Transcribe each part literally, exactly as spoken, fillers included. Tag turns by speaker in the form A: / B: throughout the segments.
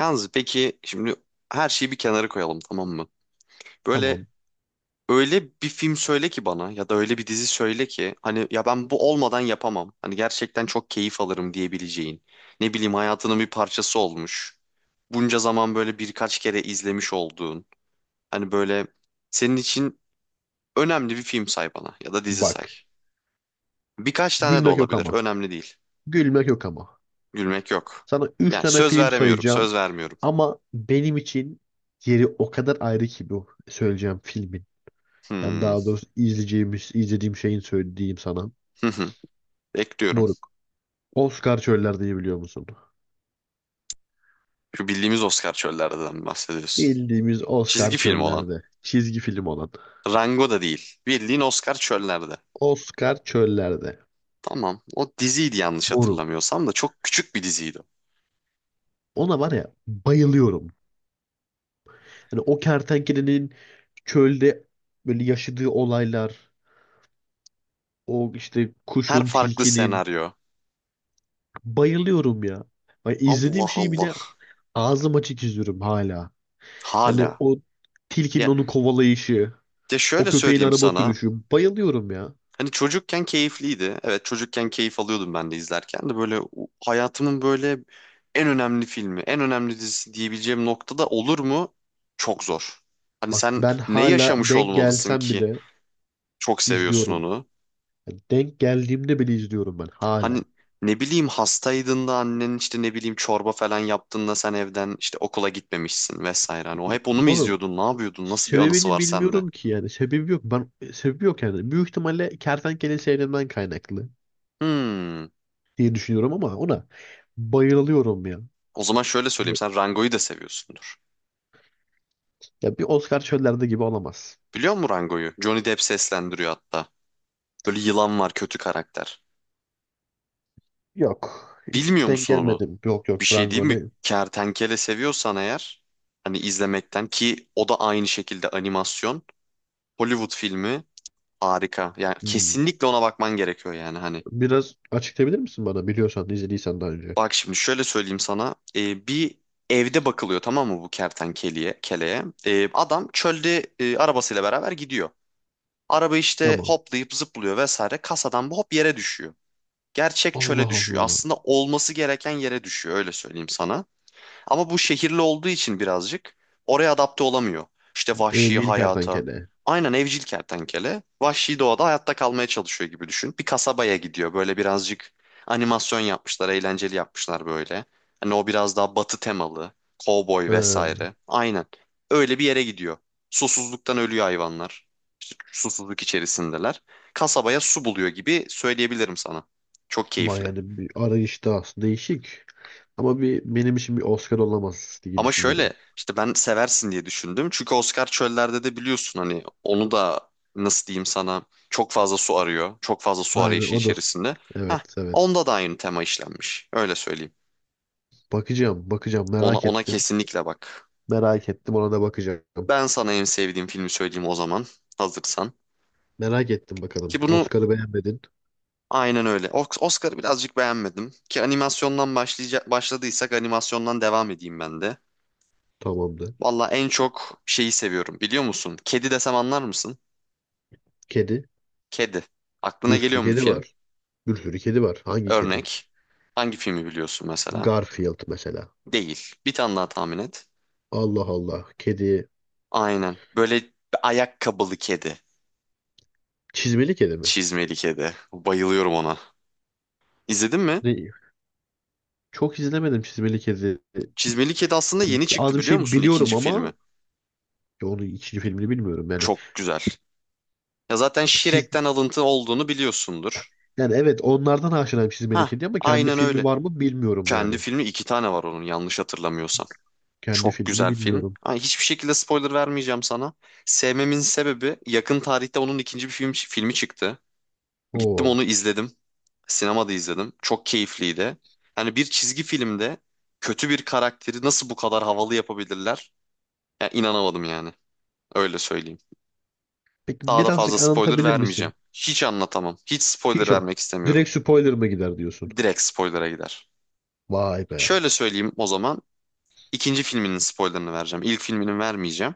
A: Yalnız peki şimdi her şeyi bir kenara koyalım, tamam mı? Böyle
B: Tamam,
A: öyle bir film söyle ki bana, ya da öyle bir dizi söyle ki hani ya ben bu olmadan yapamam. Hani gerçekten çok keyif alırım diyebileceğin. Ne bileyim, hayatının bir parçası olmuş. Bunca zaman böyle birkaç kere izlemiş olduğun. Hani böyle senin için önemli bir film say bana, ya da dizi say.
B: bak.
A: Birkaç tane de
B: Gülmek yok
A: olabilir,
B: ama.
A: önemli değil.
B: Gülmek yok ama.
A: Gülmek yok.
B: Sana üç
A: Yani
B: tane
A: söz
B: film
A: veremiyorum.
B: sayacağım.
A: Söz vermiyorum.
B: Ama benim için yeri o kadar ayrı ki bu söyleyeceğim filmin. Yani
A: Hmm.
B: daha doğrusu izleyeceğimiz, izlediğim şeyin söylediğim sana.
A: Bekliyorum.
B: Moruk. Oscar çöllerde biliyor musun?
A: Şu bildiğimiz Oscar çöllerden bahsediyorsun.
B: Bildiğimiz Oscar
A: Çizgi film olan.
B: çöllerde. Çizgi film olan.
A: Rango da değil. Bildiğin Oscar çöllerde.
B: Oscar çöllerde.
A: Tamam. O diziydi yanlış
B: Moruk.
A: hatırlamıyorsam, da çok küçük bir diziydi.
B: Ona var ya bayılıyorum. Hani o kertenkelenin çölde böyle yaşadığı olaylar. O işte
A: Her
B: kuşun,
A: farklı
B: tilkinin.
A: senaryo.
B: Bayılıyorum ya. Ay, izlediğim
A: Allah
B: şeyi
A: Allah.
B: bile ağzım açık izliyorum hala. Yani
A: Hala.
B: o tilkinin
A: Ya,
B: onu kovalayışı,
A: ya
B: o
A: şöyle
B: köpeğin
A: söyleyeyim
B: araba
A: sana.
B: sürüşü. Bayılıyorum ya.
A: Hani çocukken keyifliydi. Evet, çocukken keyif alıyordum ben de, izlerken de böyle u- hayatımın böyle en önemli filmi, en önemli dizisi diyebileceğim noktada olur mu? Çok zor. Hani
B: Bak,
A: sen
B: ben
A: ne
B: hala
A: yaşamış
B: denk
A: olmalısın
B: gelsem
A: ki
B: bile
A: çok seviyorsun
B: izliyorum.
A: onu?
B: Yani denk geldiğimde bile izliyorum ben
A: Hani
B: hala.
A: ne bileyim, hastaydın da annen işte ne bileyim çorba falan yaptın da sen evden işte okula gitmemişsin vesaire. Hani o hep onu mu
B: Oğlum,
A: izliyordun? Ne yapıyordun? Nasıl bir anısı
B: sebebini
A: var sende?
B: bilmiyorum ki yani. Sebebi yok. Ben sebebi yok yani. Büyük ihtimalle kertenkele seyrinden kaynaklı
A: Hmm.
B: diye düşünüyorum ama ona bayılıyorum ya.
A: O zaman şöyle söyleyeyim.
B: Yani
A: Sen Rango'yu da seviyorsundur.
B: ya bir Oscar çöllerde gibi olamaz.
A: Biliyor musun Rango'yu? Johnny Depp seslendiriyor hatta. Böyle yılan var, kötü karakter.
B: Yok. Hiç
A: Bilmiyor
B: denk
A: musun onu?
B: gelmedim. Yok
A: Bir
B: yok
A: şey değil mi?
B: Brangoni.
A: Kertenkele seviyorsan eğer, hani izlemekten, ki o da aynı şekilde animasyon. Hollywood filmi, harika. Yani
B: Hmm.
A: kesinlikle ona bakman gerekiyor yani hani.
B: Biraz açıklayabilir misin bana? Biliyorsan, izlediysen daha önce.
A: Bak, şimdi şöyle söyleyeyim sana. Ee, bir evde bakılıyor, tamam mı, bu kertenkeleye? Keleye. Ee, adam çölde e, arabasıyla beraber gidiyor. Araba işte
B: Tamam.
A: hoplayıp zıplıyor vesaire. Kasadan bu hop yere düşüyor. Gerçek çöle
B: Allah
A: düşüyor.
B: Allah.
A: Aslında olması gereken yere düşüyor, öyle söyleyeyim sana. Ama bu şehirli olduğu için birazcık oraya adapte olamıyor. İşte vahşi
B: Evcil
A: hayata.
B: kertenkele.
A: Aynen, evcil kertenkele vahşi doğada hayatta kalmaya çalışıyor gibi düşün. Bir kasabaya gidiyor böyle, birazcık animasyon yapmışlar, eğlenceli yapmışlar böyle. Hani o biraz daha batı temalı, kovboy
B: Ha.
A: vesaire. Aynen. Öyle bir yere gidiyor. Susuzluktan ölüyor hayvanlar. İşte susuzluk içerisindeler. Kasabaya su buluyor gibi söyleyebilirim sana. Çok
B: Vay,
A: keyifli.
B: yani bir arayışta aslında değişik. Ama bir benim için bir Oscar olamaz diye
A: Ama
B: düşünüyorum.
A: şöyle, işte ben seversin diye düşündüm. Çünkü Oscar çöllerde de biliyorsun, hani onu da nasıl diyeyim sana, çok fazla su arıyor. Çok fazla su
B: Aynen
A: arayışı
B: o da.
A: içerisinde. Heh,
B: Evet, evet.
A: onda da aynı tema işlenmiş. Öyle söyleyeyim.
B: Bakacağım, bakacağım,
A: Ona,
B: merak
A: ona
B: ettim.
A: kesinlikle bak.
B: Merak ettim, ona da bakacağım.
A: Ben sana en sevdiğim filmi söyleyeyim o zaman, hazırsan.
B: Merak ettim
A: Ki
B: bakalım.
A: bunu,
B: Oscar'ı beğenmedin.
A: aynen öyle. Os- Oscar'ı birazcık beğenmedim. Ki animasyondan başlayacak, başladıysak animasyondan devam edeyim ben de.
B: Tamamdır.
A: Valla en çok şeyi seviyorum, biliyor musun? Kedi desem anlar mısın?
B: Kedi.
A: Kedi. Aklına
B: Bir sürü
A: geliyor mu bir
B: kedi
A: film?
B: var. Bir sürü kedi var. Hangi kedi?
A: Örnek. Hangi filmi biliyorsun mesela?
B: Garfield mesela.
A: Değil. Bir tane daha tahmin et.
B: Allah Allah. Kedi.
A: Aynen. Böyle bir ayakkabılı kedi.
B: Çizmeli kedi mi?
A: Çizmeli kedi. Bayılıyorum ona. İzledin mi?
B: Ne- Çok izlemedim çizmeli kedi.
A: Çizmeli kedi aslında
B: Yani
A: yeni
B: az
A: çıktı,
B: bir
A: biliyor
B: şey
A: musun?
B: biliyorum
A: İkinci filmi.
B: ama ya onun ikinci filmini bilmiyorum yani.
A: Çok güzel. Ya zaten
B: Çiz...
A: Shrek'ten alıntı olduğunu biliyorsundur.
B: Yani evet, onlardan aşinayım çizmeli
A: Ha,
B: kedi ama kendi
A: aynen
B: filmi
A: öyle.
B: var mı bilmiyorum
A: Kendi
B: yani.
A: filmi iki tane var onun, yanlış hatırlamıyorsam.
B: Kendi
A: Çok
B: filmini
A: güzel film.
B: bilmiyorum.
A: Ama hiçbir şekilde spoiler vermeyeceğim sana. Sevmemin sebebi, yakın tarihte onun ikinci bir film, filmi çıktı. Gittim
B: Oo.
A: onu izledim. Sinemada izledim. Çok keyifliydi. Hani bir çizgi filmde kötü bir karakteri nasıl bu kadar havalı yapabilirler? Ya inanamadım yani. Öyle söyleyeyim.
B: Peki,
A: Daha da fazla
B: birazcık
A: spoiler
B: anlatabilir
A: vermeyeceğim.
B: misin?
A: Hiç anlatamam. Hiç spoiler
B: Hiç o.
A: vermek istemiyorum.
B: Direkt spoiler mı gider diyorsun?
A: Direkt spoilera gider.
B: Vay be.
A: Şöyle söyleyeyim o zaman. İkinci filminin spoilerını vereceğim. İlk filminin vermeyeceğim.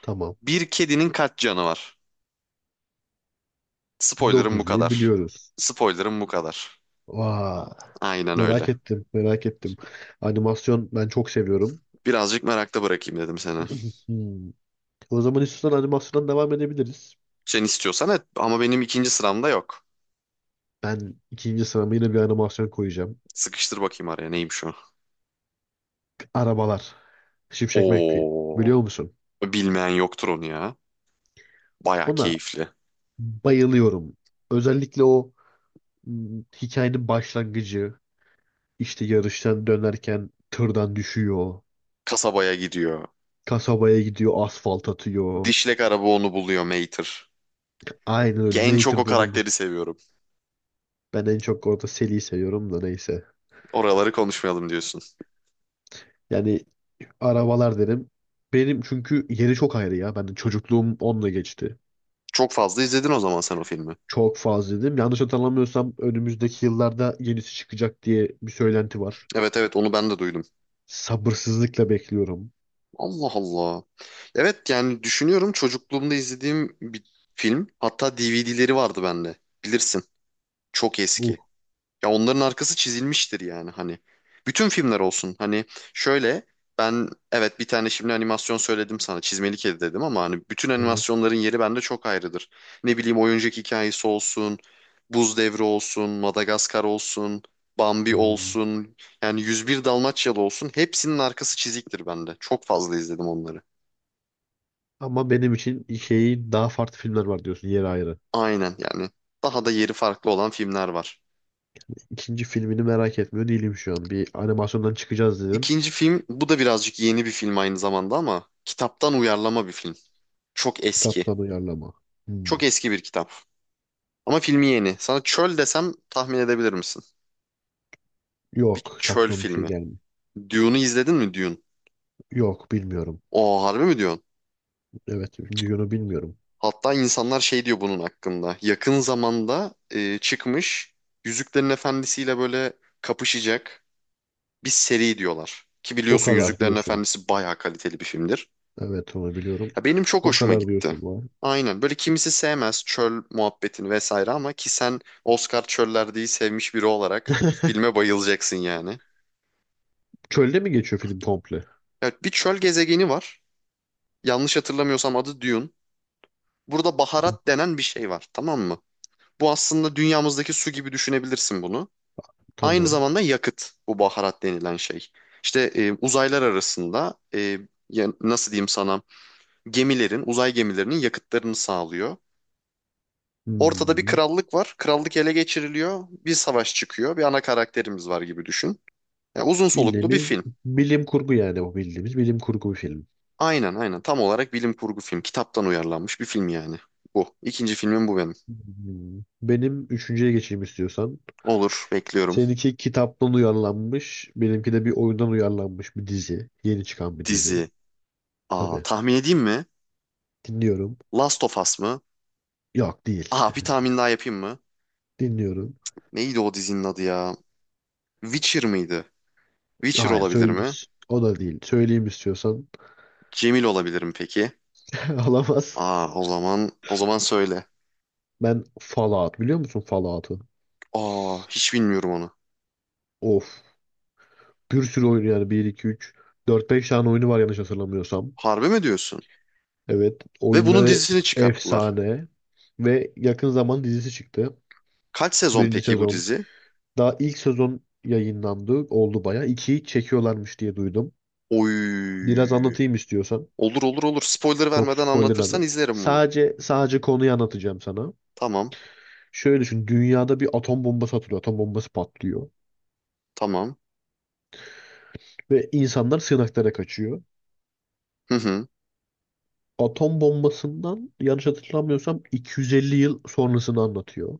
B: Tamam.
A: Bir kedinin kaç canı var? Spoiler'ım bu
B: dokuzu
A: kadar.
B: biliyoruz.
A: Spoiler'ım bu kadar.
B: Vay,
A: Aynen öyle.
B: merak ettim, merak ettim. Animasyon ben çok seviyorum.
A: Birazcık merakta bırakayım dedim seni.
B: Hmm. O zaman istiyorsan animasyondan devam edebiliriz.
A: Sen istiyorsan et ama benim ikinci sıramda yok.
B: Ben ikinci sırama yine bir animasyon koyacağım.
A: Sıkıştır bakayım araya neymiş o.
B: Arabalar. Şimşek McQueen.
A: Oo,
B: Biliyor musun?
A: bilmeyen yoktur onu ya. Baya
B: Ona
A: keyifli.
B: bayılıyorum. Özellikle o hmm, hikayenin başlangıcı. İşte yarıştan dönerken tırdan düşüyor.
A: Kasabaya gidiyor.
B: Kasabaya gidiyor, asfalt atıyor.
A: Dişlek araba onu buluyor, Mater.
B: Aynen
A: Ki
B: öyle.
A: en çok o
B: Mater bunu.
A: karakteri seviyorum.
B: Ben en çok orada Sally'i seviyorum da neyse.
A: Oraları konuşmayalım diyorsun.
B: Yani arabalar derim. Benim çünkü yeri çok ayrı ya. Ben çocukluğum onunla geçti.
A: Çok fazla izledin o zaman sen o filmi.
B: Çok fazla dedim. Yanlış hatırlamıyorsam önümüzdeki yıllarda yenisi çıkacak diye bir söylenti var.
A: Evet, evet onu ben de duydum.
B: Sabırsızlıkla bekliyorum.
A: Allah Allah. Evet, yani düşünüyorum çocukluğumda izlediğim bir film. Hatta D V D'leri vardı bende. Bilirsin. Çok
B: Uh,
A: eski. Ya onların arkası çizilmiştir yani hani. Bütün filmler olsun. Hani şöyle, ben evet bir tane şimdi animasyon söyledim sana. Çizmeli Kedi dedim, ama hani bütün
B: evet.
A: animasyonların yeri bende çok ayrıdır. Ne bileyim, oyuncak hikayesi olsun. Buz Devri olsun. Madagaskar olsun. Bambi
B: Hmm.
A: olsun. Yani yüz bir Dalmaçyalı olsun. Hepsinin arkası çiziktir bende. Çok fazla izledim onları.
B: Ama benim için şeyi daha farklı filmler var diyorsun, yeri ayrı.
A: Aynen yani, daha da yeri farklı olan filmler var.
B: İkinci filmini merak etmiyor değilim şu an. Bir animasyondan çıkacağız dedim.
A: İkinci film, bu da birazcık yeni bir film aynı zamanda ama kitaptan uyarlama bir film. Çok eski.
B: Kitaptan uyarlama. Hmm.
A: Çok eski bir kitap. Ama filmi yeni. Sana çöl desem tahmin edebilir misin? Bir
B: Yok,
A: çöl
B: çaktığım bir şey
A: filmi.
B: gelmiyor.
A: Dune'u izledin mi, Dune?
B: Yok, bilmiyorum.
A: O harbi mi diyorsun?
B: Evet, Dune'u bilmiyorum.
A: Hatta insanlar şey diyor bunun hakkında. Yakın zamanda e, çıkmış Yüzüklerin Efendisi'yle böyle kapışacak bir seri diyorlar. Ki
B: O
A: biliyorsun,
B: kadar
A: Yüzüklerin
B: diyorsun.
A: Efendisi bayağı kaliteli bir filmdir.
B: Evet, onu biliyorum.
A: Ya benim çok
B: O
A: hoşuma
B: kadar
A: gitti.
B: diyorsun lan.
A: Aynen. Böyle, kimisi sevmez çöl muhabbetini vesaire, ama ki sen Oscar çöllerdeyi sevmiş biri olarak filme bayılacaksın yani.
B: Çölde mi geçiyor film komple?
A: Evet, bir çöl gezegeni var. Yanlış hatırlamıyorsam adı Dune. Burada baharat denen bir şey var, tamam mı? Bu aslında dünyamızdaki su gibi düşünebilirsin bunu. Aynı
B: Tamam.
A: zamanda yakıt bu baharat denilen şey. İşte e, uzaylar arasında e, ya- nasıl diyeyim sana, gemilerin, uzay gemilerinin yakıtlarını sağlıyor. Ortada bir
B: Hmm.
A: krallık var. Krallık ele geçiriliyor. Bir savaş çıkıyor. Bir ana karakterimiz var gibi düşün. Ya uzun soluklu bir
B: Bildiğimiz
A: film.
B: bilim kurgu, yani o bildiğimiz bilim kurgu bir film.
A: Aynen aynen. Tam olarak bilim kurgu film. Kitaptan uyarlanmış bir film yani. Bu. İkinci filmim bu benim.
B: Hmm. Benim üçüncüye geçeyim istiyorsan.
A: Olur. Bekliyorum.
B: Seninki kitaptan uyarlanmış. Benimki de bir oyundan uyarlanmış bir dizi. Yeni çıkan bir dizi.
A: Dizi. Aa,
B: Tabii.
A: tahmin edeyim mi?
B: Dinliyorum.
A: Last of Us mı?
B: Yok, değil.
A: Aa, bir tahmin daha yapayım mı?
B: Dinliyorum.
A: Neydi o dizinin adı ya? Witcher mıydı? Witcher
B: Hayır,
A: olabilir
B: söyle.
A: mi?
B: O da değil. Söyleyeyim istiyorsan.
A: Cemil olabilir mi peki?
B: Alamaz.
A: Aa, o zaman o zaman söyle.
B: Ben Fallout, biliyor musun Fallout'u?
A: Aa, hiç bilmiyorum onu.
B: Of. Bir sürü oyun, yani bir iki üç dört beş tane oyunu var yanlış hatırlamıyorsam.
A: Harbi mi diyorsun?
B: Evet.
A: Ve bunun
B: Oyunları
A: dizisini çıkarttılar.
B: efsane. Ve yakın zaman dizisi çıktı.
A: Kaç sezon
B: Birinci
A: peki bu
B: sezon.
A: dizi?
B: Daha ilk sezon yayınlandı. Oldu baya. İkiyi çekiyorlarmış diye duydum. Biraz
A: Oy.
B: anlatayım istiyorsan.
A: Olur olur olur. Spoiler
B: Çok
A: vermeden
B: spoiler verdim.
A: anlatırsan izlerim bunu.
B: Sadece sadece konuyu anlatacağım sana.
A: Tamam.
B: Şöyle düşün. Dünyada bir atom bombası atılıyor. Atom bombası patlıyor.
A: Tamam.
B: Ve insanlar sığınaklara kaçıyor.
A: Hı hı.
B: Atom bombasından yanlış hatırlamıyorsam iki yüz elli yıl sonrasını anlatıyor.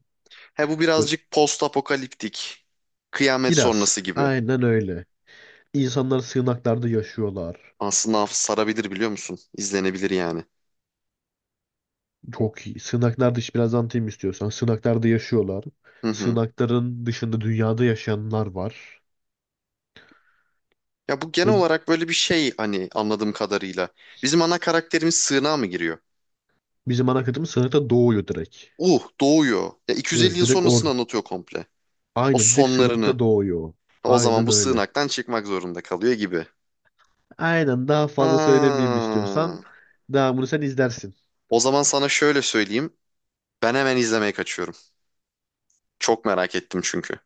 A: He, bu
B: Böyle
A: birazcık post apokaliptik. Kıyamet
B: biraz.
A: sonrası gibi.
B: Aynen öyle. İnsanlar sığınaklarda yaşıyorlar.
A: Aslında sarabilir, biliyor musun? İzlenebilir yani.
B: Çok iyi. Sığınaklar dışı biraz anlatayım istiyorsan. Sığınaklarda yaşıyorlar.
A: Hı hı.
B: Sığınakların dışında dünyada yaşayanlar var.
A: Ya bu
B: Ve
A: genel olarak böyle bir şey hani, anladığım kadarıyla. Bizim ana karakterimiz sığınağa mı giriyor?
B: bizim ana kıtamız sığınakta doğuyor direkt.
A: Uh doğuyor. Ya iki yüz elli
B: Öyle
A: yıl
B: direkt
A: sonrasını
B: orada.
A: anlatıyor komple. O
B: Aynen, direkt
A: sonlarını.
B: sığınakta doğuyor.
A: O zaman
B: Aynen
A: bu
B: öyle.
A: sığınaktan çıkmak zorunda kalıyor gibi.
B: Aynen, daha fazla söylemeyeyim istiyorsan.
A: Ha.
B: Devamını sen izlersin.
A: O zaman sana şöyle söyleyeyim. Ben hemen izlemeye kaçıyorum. Çok merak ettim çünkü.